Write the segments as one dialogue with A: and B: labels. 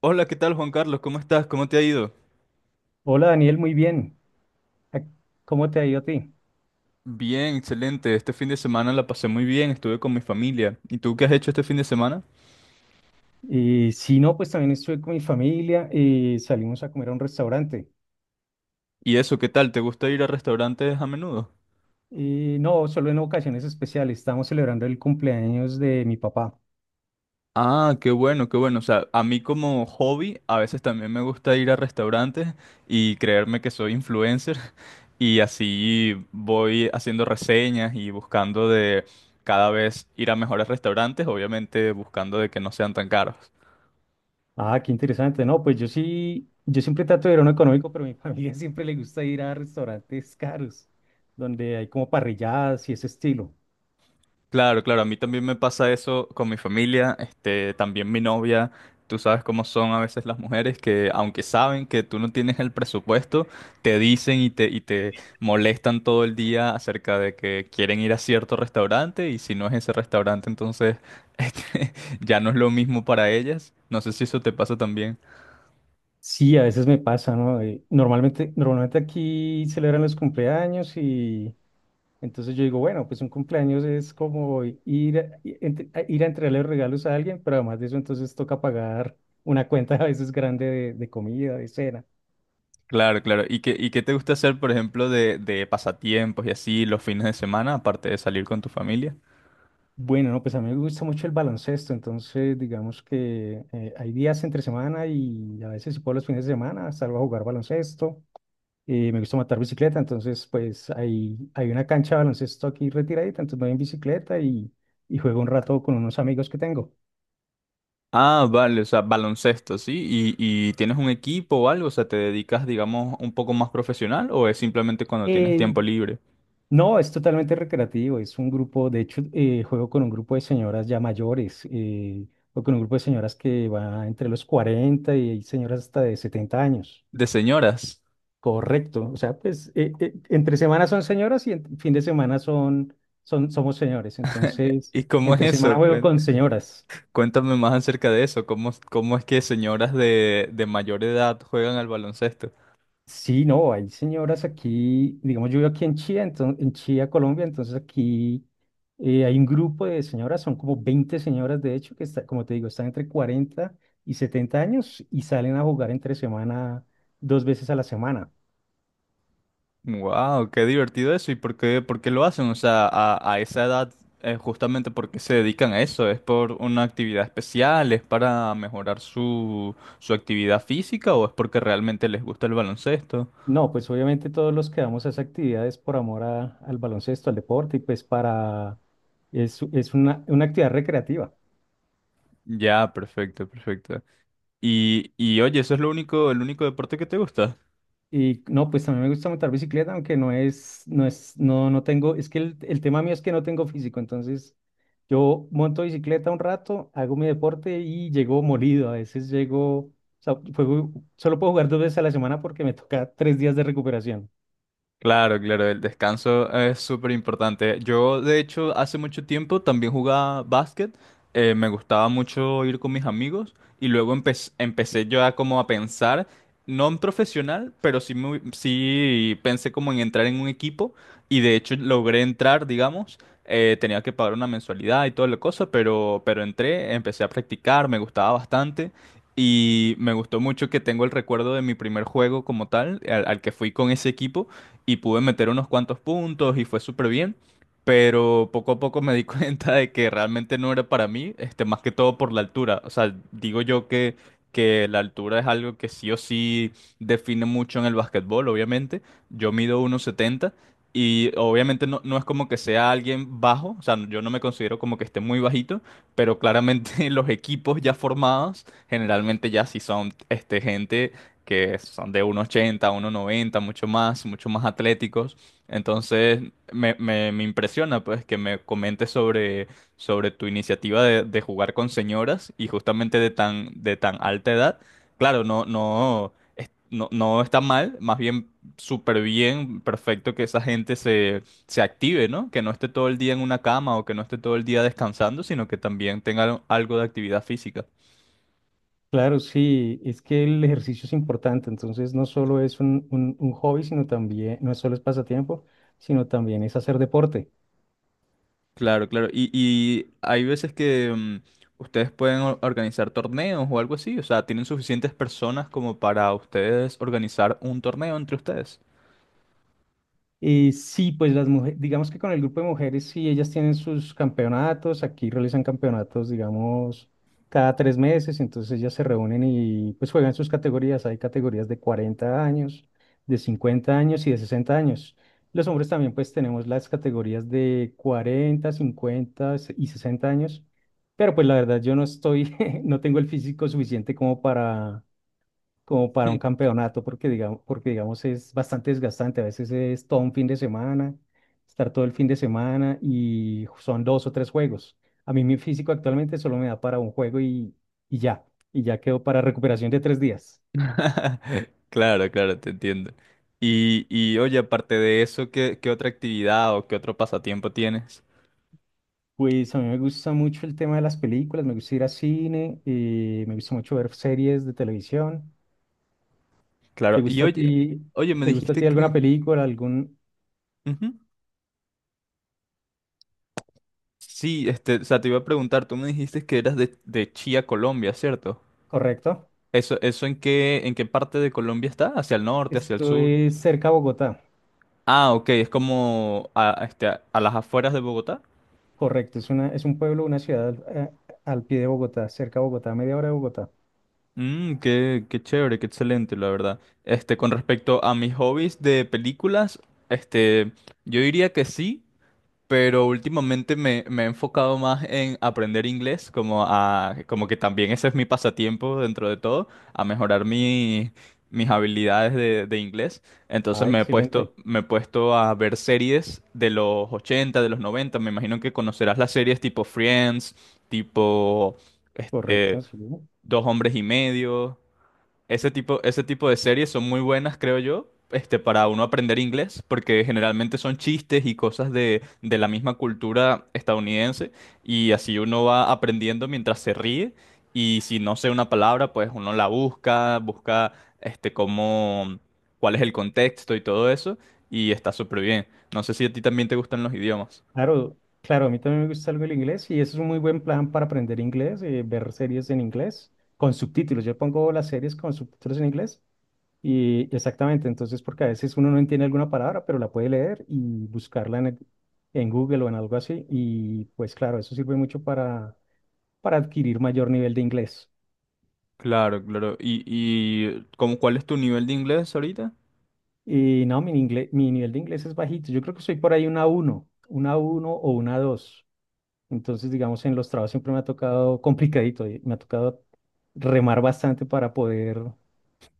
A: Hola, ¿qué tal Juan Carlos? ¿Cómo estás? ¿Cómo te ha ido?
B: Hola Daniel, muy bien. Ac- ¿Cómo te ha ido a ti?
A: Bien, excelente. Este fin de semana la pasé muy bien, estuve con mi familia. ¿Y tú qué has hecho este fin de semana?
B: Sí, no, pues también estuve con mi familia y salimos a comer a un restaurante.
A: ¿Y eso, qué tal? ¿Te gusta ir a restaurantes a menudo?
B: Y no, solo en ocasiones especiales. Estamos celebrando el cumpleaños de mi papá.
A: Ah, qué bueno, qué bueno. O sea, a mí como hobby, a veces también me gusta ir a restaurantes y creerme que soy influencer. Y así voy haciendo reseñas y buscando de cada vez ir a mejores restaurantes, obviamente buscando de que no sean tan caros.
B: Ah, qué interesante. No, pues yo sí, yo siempre trato de ir a uno económico, pero a mi familia siempre le gusta ir a restaurantes caros, donde hay como parrilladas y ese estilo.
A: Claro, claro, a mí también me pasa eso con mi familia, este, también mi novia, tú sabes cómo son a veces las mujeres que aunque saben que tú no tienes el presupuesto, te dicen y te molestan todo el día acerca de que quieren ir a cierto restaurante y si no es ese restaurante, entonces este, ya no es lo mismo para ellas. No sé si eso te pasa también.
B: Sí, a veces me pasa, ¿no? Normalmente aquí celebran los cumpleaños. Y Entonces yo digo, bueno, pues un cumpleaños es como ir a entregarle regalos a alguien, pero además de eso entonces toca pagar una cuenta a veces grande de, comida, de cena.
A: Claro, claro. Y qué te gusta hacer, por ejemplo, de pasatiempos y así los fines de semana, aparte de salir con tu familia?
B: Bueno, no, pues a mí me gusta mucho el baloncesto, entonces digamos que hay días entre semana y a veces si puedo los fines de semana salgo a jugar baloncesto. Me gusta matar bicicleta, entonces pues hay una cancha de baloncesto aquí retiradita, entonces me voy en bicicleta y juego un rato con unos amigos que tengo.
A: Ah, vale, o sea, baloncesto, ¿sí? Y tienes un equipo o algo? O sea, ¿te dedicas, digamos, un poco más profesional o es simplemente cuando tienes
B: Eh,
A: tiempo libre?
B: No, es totalmente recreativo. Es un grupo, de hecho, juego con un grupo de señoras ya mayores, o con un grupo de señoras que va entre los 40 y hay señoras hasta de 70 años.
A: De señoras.
B: Correcto. O sea, pues entre semana son señoras y en fin de semana somos señores. Entonces,
A: ¿Y cómo es
B: entre semana
A: eso?
B: juego con señoras.
A: Cuéntame más acerca de eso. ¿Cómo, cómo es que señoras de mayor edad juegan al baloncesto?
B: Sí, no, hay señoras aquí, digamos, yo vivo aquí en Chía, entonces, en Chía, Colombia, entonces aquí hay un grupo de señoras, son como 20 señoras, de hecho, que están entre 40 y 70 años y salen a jugar entre semana, 2 veces a la semana.
A: Wow, qué divertido eso. ¿Y por qué lo hacen? O sea, a esa edad, justamente porque se dedican a eso. ¿Es por una actividad especial? ¿Es para mejorar su, su actividad física? ¿O es porque realmente les gusta el baloncesto?
B: No, pues obviamente todos los que damos a esas actividades por amor al baloncesto, al deporte, y pues es una actividad recreativa.
A: Ya, perfecto, perfecto. Y oye, ¿eso es lo único, el único deporte que te gusta?
B: Y no, pues también me gusta montar bicicleta, aunque no tengo, es que el tema mío es que no tengo físico, entonces yo monto bicicleta un rato, hago mi deporte y llego molido, a veces llego, o sea, solo puedo jugar 2 veces a la semana porque me toca 3 días de recuperación.
A: Claro, claro, el descanso es súper importante. Yo, de hecho, hace mucho tiempo también jugaba básquet. Eh, me gustaba mucho ir con mis amigos y luego empecé yo a como a pensar, no en profesional, pero sí, sí pensé como en entrar en un equipo y de hecho logré entrar, digamos. Eh, tenía que pagar una mensualidad y toda la cosa, pero entré, empecé a practicar, me gustaba bastante. Y me gustó mucho que tengo el recuerdo de mi primer juego como tal, al que fui con ese equipo y pude meter unos cuantos puntos y fue súper bien, pero poco a poco me di cuenta de que realmente no era para mí, este, más que todo por la altura. O sea, digo yo que la altura es algo que sí o sí define mucho en el básquetbol, obviamente. Yo mido 1,70. Y obviamente no, no es como que sea alguien bajo, o sea, yo no me considero como que esté muy bajito, pero claramente los equipos ya formados generalmente ya sí son este, gente que son de 1,80, 1,90, mucho más atléticos. Entonces, me impresiona pues que me comentes sobre, sobre tu iniciativa de jugar con señoras y justamente de tan alta edad. Claro, no, no, no, no está mal, más bien súper bien, perfecto que esa gente se, se active, ¿no? Que no esté todo el día en una cama o que no esté todo el día descansando, sino que también tenga algo de actividad física.
B: Claro, sí, es que el ejercicio es importante, entonces no solo es un hobby, sino también, no solo es pasatiempo, sino también es hacer deporte.
A: Claro, claro. Y hay veces que ustedes pueden organizar torneos o algo así. O sea, tienen suficientes personas como para ustedes organizar un torneo entre ustedes.
B: Sí, pues las mujeres, digamos que con el grupo de mujeres, sí, ellas tienen sus campeonatos, aquí realizan campeonatos, digamos, cada 3 meses, entonces ellas se reúnen y pues juegan sus categorías, hay categorías de 40 años, de 50 años y de 60 años. Los hombres también pues tenemos las categorías de 40, 50 y 60 años, pero pues la verdad yo no estoy, no tengo el físico suficiente como para un campeonato, porque digamos es bastante desgastante. A veces es todo un fin de semana, estar todo el fin de semana y son 2 o 3 juegos. A mí mi físico actualmente solo me da para un juego y ya, y ya quedo para recuperación de 3 días.
A: Claro, claro, te entiendo. Y oye, aparte de eso, ¿qué, qué otra actividad o qué otro pasatiempo tienes?
B: Pues a mí me gusta mucho el tema de las películas, me gusta ir a cine, me gusta mucho ver series de televisión. ¿Te
A: Claro, y
B: gusta a
A: oye,
B: ti,
A: oye, me
B: te gusta a
A: dijiste
B: ti alguna
A: que...
B: película,
A: Ujú. Sí, este, o sea, te iba a preguntar, tú me dijiste que eras de Chía, Colombia, ¿cierto?
B: ¿correcto?
A: ¿Eso, eso en qué parte de Colombia está? ¿Hacia el norte, hacia el
B: Esto
A: sur?
B: es cerca a Bogotá.
A: Ah, ok, es como a este, a las afueras de Bogotá.
B: Correcto, es un pueblo, una ciudad al pie de Bogotá, cerca de Bogotá, media hora de Bogotá.
A: Mm, qué, qué chévere, qué excelente, la verdad. Este, con respecto a mis hobbies de películas, este, yo diría que sí. Pero últimamente me, me he enfocado más en aprender inglés, como a, como que también ese es mi pasatiempo dentro de todo, a mejorar mis habilidades de inglés. Entonces
B: Ah, excelente.
A: me he puesto a ver series de los 80 de los noventa. Me imagino que conocerás las series tipo Friends, tipo
B: Correcto,
A: este,
B: sí.
A: Dos Hombres y Medio. Ese tipo de series son muy buenas, creo yo, este, para uno aprender inglés, porque generalmente son chistes y cosas de la misma cultura estadounidense, y así uno va aprendiendo mientras se ríe, y si no sé una palabra, pues uno la busca, busca este, cómo, cuál es el contexto y todo eso, y está súper bien. No sé si a ti también te gustan los idiomas.
B: Claro, claro, a mí también me gusta algo el inglés y eso es un muy buen plan para aprender inglés, ver series en inglés con subtítulos. Yo pongo las series con subtítulos en inglés y exactamente, entonces porque a veces uno no entiende alguna palabra, pero la puede leer y buscarla en Google o en algo así y pues claro, eso sirve mucho para adquirir mayor nivel de inglés.
A: Claro, claro. Y cómo, cuál es tu nivel de inglés ahorita?
B: Y no, mi nivel de inglés es bajito. Yo creo que soy por ahí una uno o una dos. Entonces, digamos, en los trabajos siempre me ha tocado complicadito, y me ha tocado remar bastante para poder,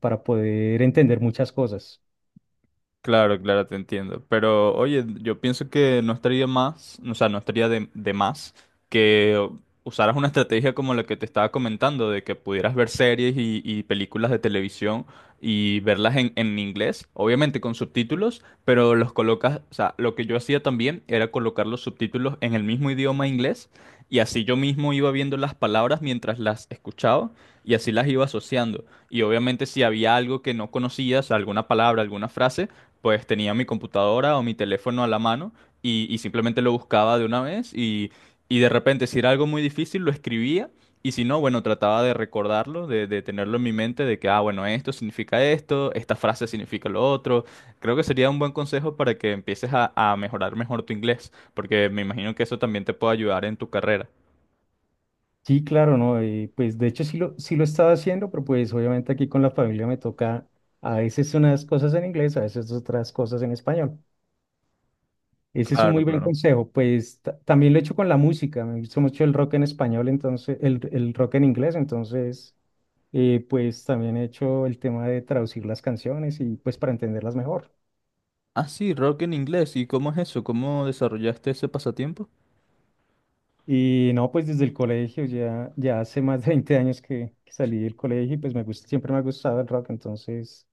B: para poder entender muchas cosas.
A: Claro, claro, te entiendo. Pero oye, yo pienso que no estaría más, o sea, no estaría de más que usaras una estrategia como la que te estaba comentando, de que pudieras ver series y películas de televisión y verlas en inglés, obviamente con subtítulos, pero los colocas, o sea, lo que yo hacía también era colocar los subtítulos en el mismo idioma inglés y así yo mismo iba viendo las palabras mientras las escuchaba y así las iba asociando. Y obviamente si había algo que no conocías, alguna palabra, alguna frase, pues tenía mi computadora o mi teléfono a la mano y simplemente lo buscaba de una vez y de repente si era algo muy difícil lo escribía y si no, bueno, trataba de recordarlo, de tenerlo en mi mente, de que, ah, bueno, esto significa esto, esta frase significa lo otro. Creo que sería un buen consejo para que empieces a mejorar mejor tu inglés, porque me imagino que eso también te puede ayudar en tu carrera.
B: Sí, claro, ¿no? Y pues de hecho sí lo estaba haciendo, pero pues obviamente aquí con la familia me toca a veces unas cosas en inglés, a veces otras cosas en español. Ese es un
A: Claro,
B: muy buen
A: claro.
B: consejo. Pues también lo he hecho con la música. Me gusta mucho el rock en español, entonces, el rock en inglés. Entonces, pues también he hecho el tema de traducir las canciones y pues para entenderlas mejor.
A: Ah, sí, rock en inglés. ¿Y cómo es eso? ¿Cómo desarrollaste ese pasatiempo?
B: Y no, pues desde el colegio, ya hace más de 20 años que salí del colegio y pues me gusta, siempre me ha gustado el rock. Entonces,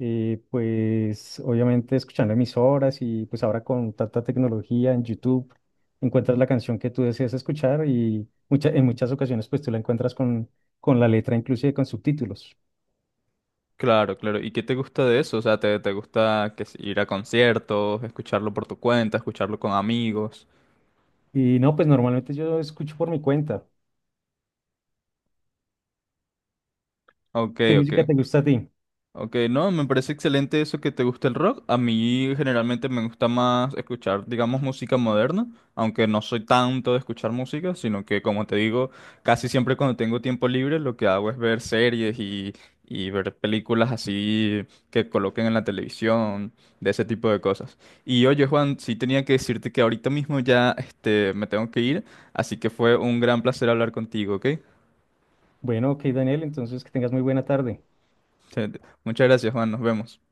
B: pues obviamente escuchando emisoras y pues ahora con tanta tecnología en YouTube encuentras la canción que tú deseas escuchar y en muchas ocasiones pues tú la encuentras con la letra inclusive con subtítulos.
A: Claro, claro. ¿Y qué te gusta de eso? O sea, ¿te, te gusta que si ir a conciertos, escucharlo por tu cuenta, escucharlo con amigos?
B: Y no, pues normalmente yo escucho por mi cuenta.
A: Ok,
B: ¿Qué
A: ok.
B: música te gusta a ti?
A: Ok, no, me parece excelente eso que te gusta el rock. A mí generalmente me gusta más escuchar, digamos, música moderna, aunque no soy tanto de escuchar música, sino que, como te digo, casi siempre cuando tengo tiempo libre lo que hago es ver series y ver películas así que coloquen en la televisión, de ese tipo de cosas. Y oye, Juan, sí tenía que decirte que ahorita mismo ya este, me tengo que ir, así que fue un gran placer hablar contigo, ¿ok?
B: Bueno, ok Daniel, entonces que tengas muy buena tarde.
A: Muchas gracias, Juan, nos vemos.